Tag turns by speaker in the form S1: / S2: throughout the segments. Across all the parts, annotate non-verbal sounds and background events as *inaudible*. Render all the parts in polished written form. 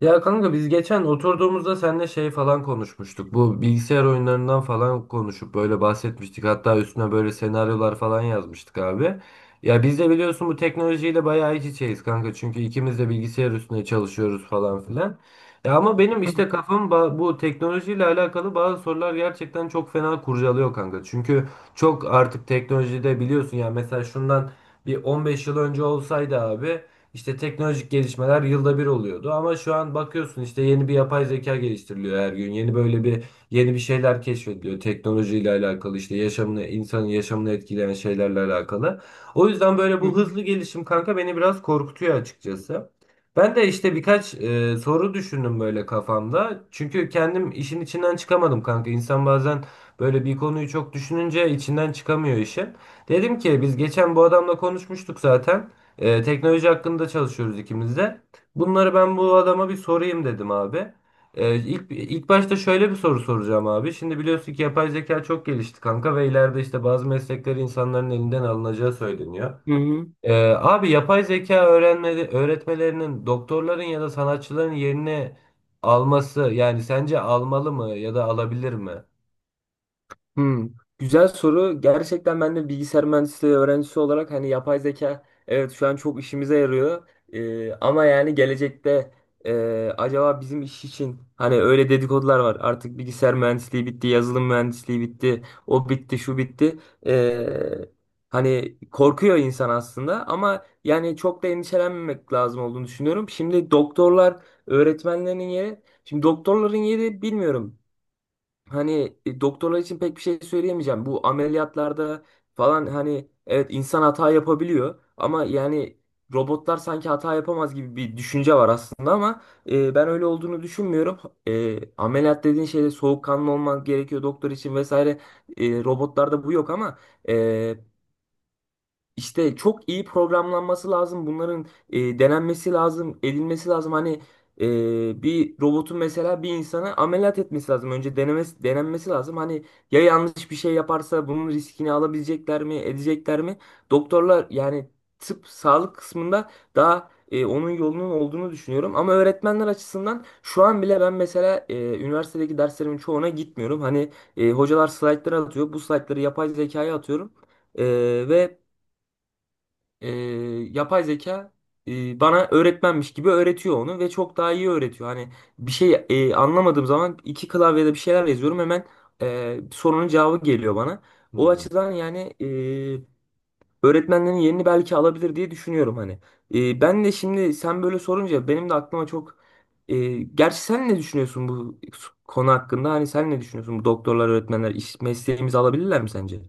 S1: Ya kanka biz geçen oturduğumuzda seninle şey falan konuşmuştuk. Bu bilgisayar oyunlarından falan konuşup böyle bahsetmiştik. Hatta üstüne böyle senaryolar falan yazmıştık abi. Ya biz de biliyorsun bu teknolojiyle bayağı iç içeyiz kanka. Çünkü ikimiz de bilgisayar üstüne çalışıyoruz falan filan. Ya ama benim işte kafam bu teknolojiyle alakalı bazı sorular gerçekten çok fena kurcalıyor kanka. Çünkü çok artık teknolojide biliyorsun ya mesela şundan bir 15 yıl önce olsaydı abi işte teknolojik gelişmeler yılda bir oluyordu ama şu an bakıyorsun işte yeni bir yapay zeka geliştiriliyor her gün. Yeni bir şeyler keşfediliyor teknolojiyle alakalı işte insanın yaşamını etkileyen şeylerle alakalı. O yüzden böyle
S2: Hı
S1: bu
S2: hı.
S1: hızlı gelişim kanka beni biraz korkutuyor açıkçası. Ben de işte birkaç soru düşündüm böyle kafamda. Çünkü kendim işin içinden çıkamadım kanka. İnsan bazen böyle bir konuyu çok düşününce içinden çıkamıyor işin. Dedim ki biz geçen bu adamla konuşmuştuk zaten. Teknoloji hakkında çalışıyoruz ikimiz de. Bunları ben bu adama bir sorayım dedim abi. İlk, ilk başta şöyle bir soru soracağım abi. Şimdi biliyorsun ki yapay zeka çok gelişti kanka ve ileride işte bazı meslekler insanların elinden alınacağı söyleniyor.
S2: Hı hı.
S1: Abi yapay zeka öğrenme, öğretmelerinin doktorların ya da sanatçıların yerini alması, yani sence almalı mı ya da alabilir mi?
S2: Hı. Güzel soru. Gerçekten ben de bilgisayar mühendisliği öğrencisi olarak hani yapay zeka evet şu an çok işimize yarıyor. Ama yani gelecekte acaba bizim iş için hani öyle dedikodular var. Artık bilgisayar mühendisliği bitti, yazılım mühendisliği bitti, o bitti, şu bitti. Ee, hani korkuyor insan aslında ama yani çok da endişelenmemek lazım olduğunu düşünüyorum. Şimdi doktorların yeri bilmiyorum. Hani doktorlar için pek bir şey söyleyemeyeceğim. Bu ameliyatlarda falan hani evet insan hata yapabiliyor ama yani robotlar sanki hata yapamaz gibi bir düşünce var aslında ama ben öyle olduğunu düşünmüyorum. Ameliyat dediğin şeyde soğukkanlı olman gerekiyor doktor için vesaire. Robotlarda bu yok ama e, işte çok iyi programlanması lazım. Bunların denenmesi lazım, edilmesi lazım. Hani bir robotun mesela bir insana ameliyat etmesi lazım. Önce denenmesi lazım. Hani ya yanlış bir şey yaparsa bunun riskini alabilecekler mi, edecekler mi? Doktorlar yani tıp, sağlık kısmında daha onun yolunun olduğunu düşünüyorum. Ama öğretmenler açısından şu an bile ben mesela üniversitedeki derslerimin çoğuna gitmiyorum. Hani hocalar slaytları atıyor. Bu slaytları yapay zekaya atıyorum. E, ve e, yapay zeka bana öğretmenmiş gibi öğretiyor onu ve çok daha iyi öğretiyor. Hani bir şey anlamadığım zaman iki klavyede bir şeyler yazıyorum hemen, sorunun cevabı geliyor bana. O
S1: Hmm.
S2: açıdan yani öğretmenlerin yerini belki alabilir diye düşünüyorum hani. Ben de şimdi sen böyle sorunca benim de aklıma çok, e, gerçi sen ne düşünüyorsun bu konu hakkında? Hani sen ne düşünüyorsun? Bu doktorlar, öğretmenler iş mesleğimizi alabilirler mi sence?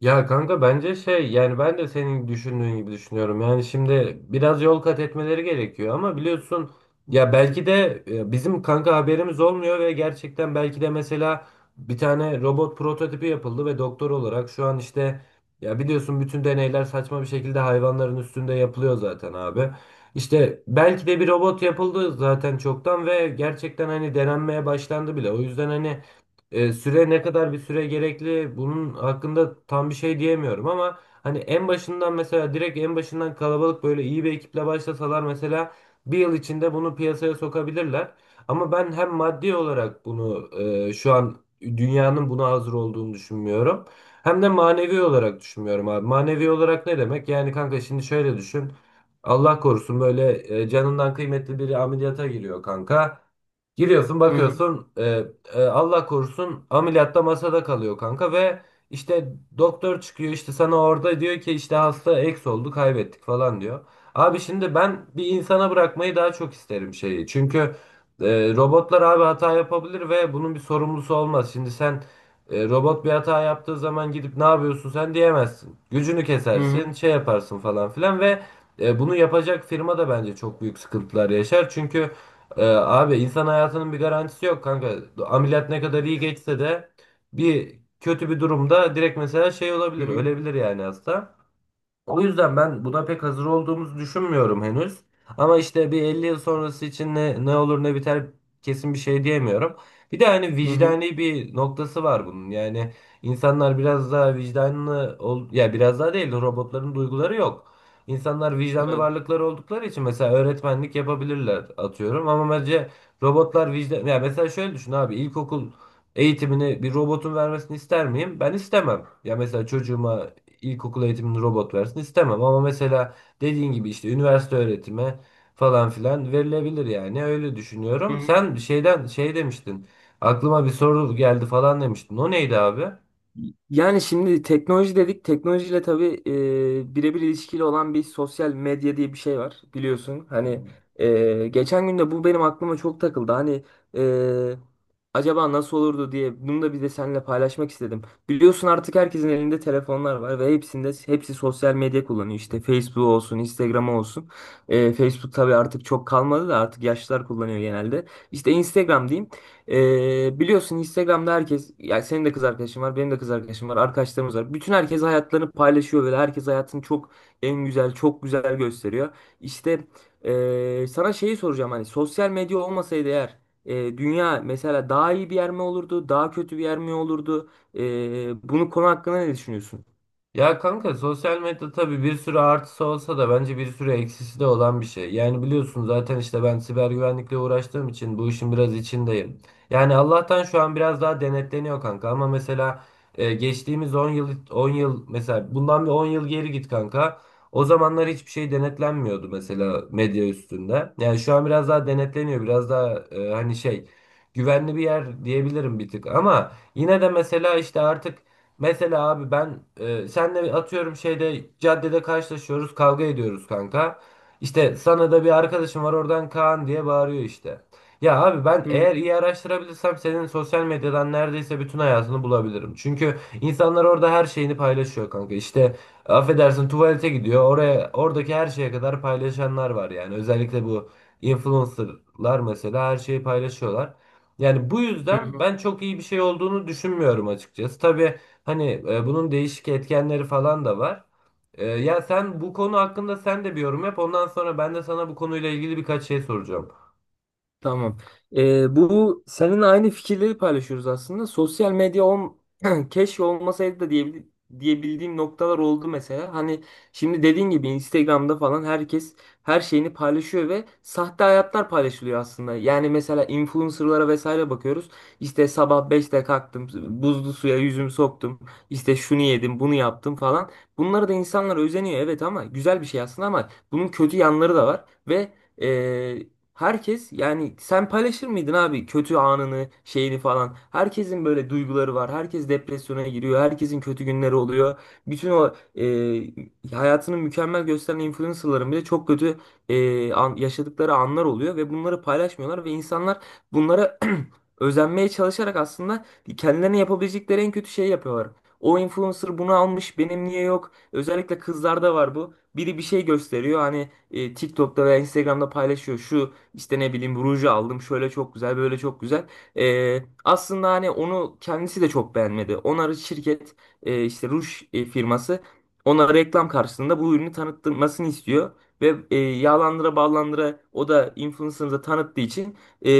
S1: Ya kanka bence şey, yani ben de senin düşündüğün gibi düşünüyorum. Yani şimdi biraz yol kat etmeleri gerekiyor ama biliyorsun ya belki de bizim kanka haberimiz olmuyor ve gerçekten belki de mesela bir tane robot prototipi yapıldı ve doktor olarak şu an işte, ya biliyorsun bütün deneyler saçma bir şekilde hayvanların üstünde yapılıyor zaten abi. İşte belki de bir robot yapıldı zaten çoktan ve gerçekten hani denenmeye başlandı bile. O yüzden hani süre gerekli, bunun hakkında tam bir şey diyemiyorum ama hani en başından kalabalık böyle iyi bir ekiple başlasalar mesela bir yıl içinde bunu piyasaya sokabilirler. Ama ben hem maddi olarak bunu şu an dünyanın buna hazır olduğunu düşünmüyorum. Hem de manevi olarak düşünmüyorum abi. Manevi olarak ne demek? Yani kanka şimdi şöyle düşün. Allah korusun böyle canından kıymetli biri ameliyata giriyor kanka. Giriyorsun,
S2: Hı hı
S1: bakıyorsun Allah korusun ameliyatta masada kalıyor kanka ve işte doktor çıkıyor, işte sana orada diyor ki işte hasta eks oldu, kaybettik falan diyor. Abi şimdi ben bir insana bırakmayı daha çok isterim şeyi. Çünkü e, robotlar abi hata yapabilir ve bunun bir sorumlusu olmaz. Şimdi sen robot bir hata yaptığı zaman gidip ne yapıyorsun sen diyemezsin. Gücünü
S2: hı hı
S1: kesersin, şey yaparsın falan filan ve bunu yapacak firma da bence çok büyük sıkıntılar yaşar. Çünkü abi insan hayatının bir garantisi yok kanka. Ameliyat ne kadar iyi geçse de bir kötü bir durumda direkt mesela şey
S2: hı
S1: olabilir,
S2: hı.
S1: ölebilir yani hasta. O yüzden ben buna pek hazır olduğumuzu düşünmüyorum henüz. Ama işte bir 50 yıl sonrası için ne olur ne biter kesin bir şey diyemiyorum. Bir de hani
S2: Hı hı.
S1: vicdani bir noktası var bunun. Yani insanlar biraz daha vicdanlı ol ya, biraz daha değil, robotların duyguları yok. İnsanlar vicdanlı
S2: Evet.
S1: varlıklar oldukları için mesela öğretmenlik yapabilirler atıyorum ama bence robotlar vicdan, ya mesela şöyle düşün abi, ilkokul eğitimini bir robotun vermesini ister miyim? Ben istemem. Ya mesela çocuğuma ilkokul eğitimini robot versin istemem ama mesela dediğin gibi işte üniversite öğretimi falan filan verilebilir, yani öyle düşünüyorum. Sen şeyden şey demiştin, aklıma bir soru geldi falan demiştin, o neydi abi?
S2: Yani şimdi teknoloji dedik. Teknolojiyle tabii birebir ilişkili olan bir sosyal medya diye bir şey var biliyorsun. Hani geçen gün de bu benim aklıma çok takıldı. Hani e, acaba nasıl olurdu diye bunu da bir de seninle paylaşmak istedim. Biliyorsun artık herkesin elinde telefonlar var ve hepsinde hepsi sosyal medya kullanıyor. İşte Facebook olsun, Instagram olsun. Facebook tabii artık çok kalmadı da artık yaşlılar kullanıyor genelde. İşte Instagram diyeyim. Biliyorsun Instagram'da herkes, yani senin de kız arkadaşın var, benim de kız arkadaşım var, arkadaşlarımız var. Bütün herkes hayatlarını paylaşıyor ve herkes hayatını çok en güzel, çok güzel gösteriyor. İşte sana şeyi soracağım, hani sosyal medya olmasaydı eğer, dünya mesela daha iyi bir yer mi olurdu, daha kötü bir yer mi olurdu? Bunu konu hakkında ne düşünüyorsun?
S1: Ya kanka sosyal medya tabii bir sürü artısı olsa da bence bir sürü eksisi de olan bir şey. Yani biliyorsun zaten işte ben siber güvenlikle uğraştığım için bu işin biraz içindeyim. Yani Allah'tan şu an biraz daha denetleniyor kanka ama mesela geçtiğimiz 10 yıl 10 yıl mesela bundan bir 10 yıl geri git kanka. O zamanlar hiçbir şey denetlenmiyordu mesela medya üstünde. Yani şu an biraz daha denetleniyor, biraz daha güvenli bir yer diyebilirim bir tık ama yine de mesela işte artık. Mesela abi ben senle atıyorum şeyde, caddede karşılaşıyoruz, kavga ediyoruz kanka. İşte sana da bir arkadaşım var oradan, Kaan diye bağırıyor işte. Ya abi ben
S2: Hı.
S1: eğer iyi araştırabilirsem senin sosyal medyadan neredeyse bütün hayatını bulabilirim. Çünkü insanlar orada her şeyini paylaşıyor kanka. İşte affedersin tuvalete gidiyor, oraya oradaki her şeye kadar paylaşanlar var yani. Özellikle bu influencerlar mesela her şeyi paylaşıyorlar. Yani bu yüzden
S2: Hı.
S1: ben çok iyi bir şey olduğunu düşünmüyorum açıkçası. Tabii hani bunun değişik etkenleri falan da var. Ya sen bu konu hakkında sen de bir yorum yap. Ondan sonra ben de sana bu konuyla ilgili birkaç şey soracağım.
S2: Tamam. Bu senin aynı fikirleri paylaşıyoruz aslında. Sosyal medya *clears throat* keşke olmasaydı da diyebildiğim noktalar oldu mesela. Hani şimdi dediğin gibi Instagram'da falan herkes her şeyini paylaşıyor ve sahte hayatlar paylaşılıyor aslında. Yani mesela influencerlara vesaire bakıyoruz. İşte sabah 5'te kalktım, buzlu suya yüzümü soktum. İşte şunu yedim, bunu yaptım falan. Bunlara da insanlar özeniyor, evet, ama güzel bir şey aslında, ama bunun kötü yanları da var ve herkes, yani, sen paylaşır mıydın abi kötü anını şeyini falan? Herkesin böyle duyguları var. Herkes depresyona giriyor. Herkesin kötü günleri oluyor. Bütün o hayatını mükemmel gösteren influencerların bile çok kötü yaşadıkları anlar oluyor. Ve bunları paylaşmıyorlar. Ve insanlar bunlara *clears throat* özenmeye çalışarak aslında kendilerine yapabilecekleri en kötü şeyi yapıyorlar. O influencer bunu almış, benim niye yok? Özellikle kızlarda var bu. Biri bir şey gösteriyor, hani TikTok'ta veya Instagram'da paylaşıyor. Şu işte ne bileyim, ruju aldım, şöyle çok güzel, böyle çok güzel. Aslında hani onu kendisi de çok beğenmedi. İşte ruj firması ona reklam karşısında bu ürünü tanıtmasını istiyor. Ve yağlandıra ballandıra o da influencer'ı tanıttığı için e,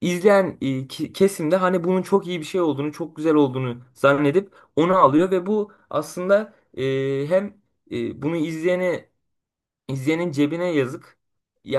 S2: izleyen kesim de hani bunun çok iyi bir şey olduğunu, çok güzel olduğunu zannedip onu alıyor. Ve bu aslında, hem, e, bunu izleyene İzleyenin cebine yazık.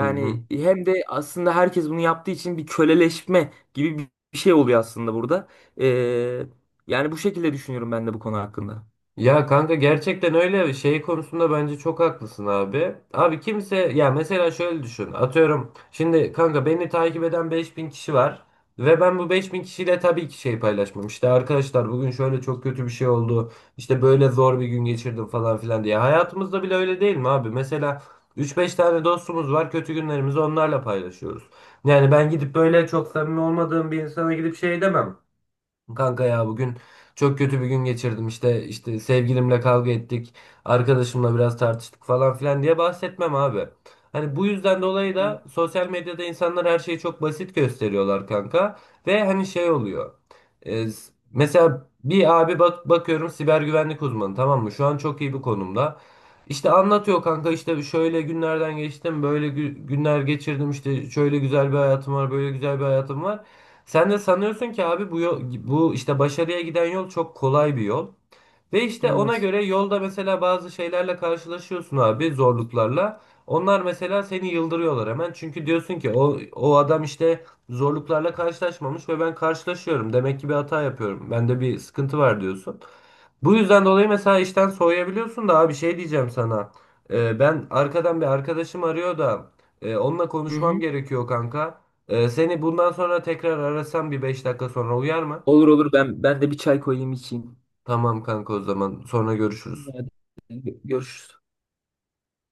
S1: Hı hı.
S2: hem de aslında herkes bunu yaptığı için bir köleleşme gibi bir şey oluyor aslında burada. Ee, yani bu şekilde düşünüyorum ben de bu konu hakkında.
S1: Ya kanka gerçekten öyle şey konusunda bence çok haklısın abi. Abi kimse, ya mesela şöyle düşün. Atıyorum şimdi kanka beni takip eden 5000 kişi var ve ben bu 5000 kişiyle tabii ki şey paylaşmam. İşte arkadaşlar bugün şöyle çok kötü bir şey oldu. İşte böyle zor bir gün geçirdim falan filan diye. Hayatımızda bile öyle değil mi abi? Mesela 3-5 tane dostumuz var. Kötü günlerimizi onlarla paylaşıyoruz. Yani ben gidip böyle çok samimi olmadığım bir insana gidip şey demem. Kanka ya bugün çok kötü bir gün geçirdim, işte sevgilimle kavga ettik, arkadaşımla biraz tartıştık falan filan diye bahsetmem abi. Hani bu yüzden dolayı
S2: Hı.
S1: da sosyal medyada insanlar her şeyi çok basit gösteriyorlar kanka ve hani şey oluyor. Mesela bir abi bak, bakıyorum siber güvenlik uzmanı, tamam mı? Şu an çok iyi bir konumda. İşte anlatıyor kanka, işte şöyle günlerden geçtim, böyle günler geçirdim, işte şöyle güzel bir hayatım var böyle güzel bir hayatım var. Sen de sanıyorsun ki abi bu yol, bu işte başarıya giden yol çok kolay bir yol. Ve işte ona
S2: Evet.
S1: göre yolda mesela bazı şeylerle karşılaşıyorsun abi, zorluklarla. Onlar mesela seni yıldırıyorlar hemen. Çünkü diyorsun ki o adam işte zorluklarla karşılaşmamış ve ben karşılaşıyorum. Demek ki bir hata yapıyorum. Bende bir sıkıntı var diyorsun. Bu yüzden dolayı mesela işten soğuyabiliyorsun da abi, şey diyeceğim sana. Ben arkadan bir arkadaşım arıyor da onunla
S2: Hı
S1: konuşmam
S2: hı.
S1: gerekiyor kanka. Seni bundan sonra tekrar arasam bir 5 dakika sonra uyar mı?
S2: Olur, olur, ben de bir çay koyayım içeyim.
S1: Tamam kanka, o zaman sonra görüşürüz.
S2: Hadi, görüşürüz.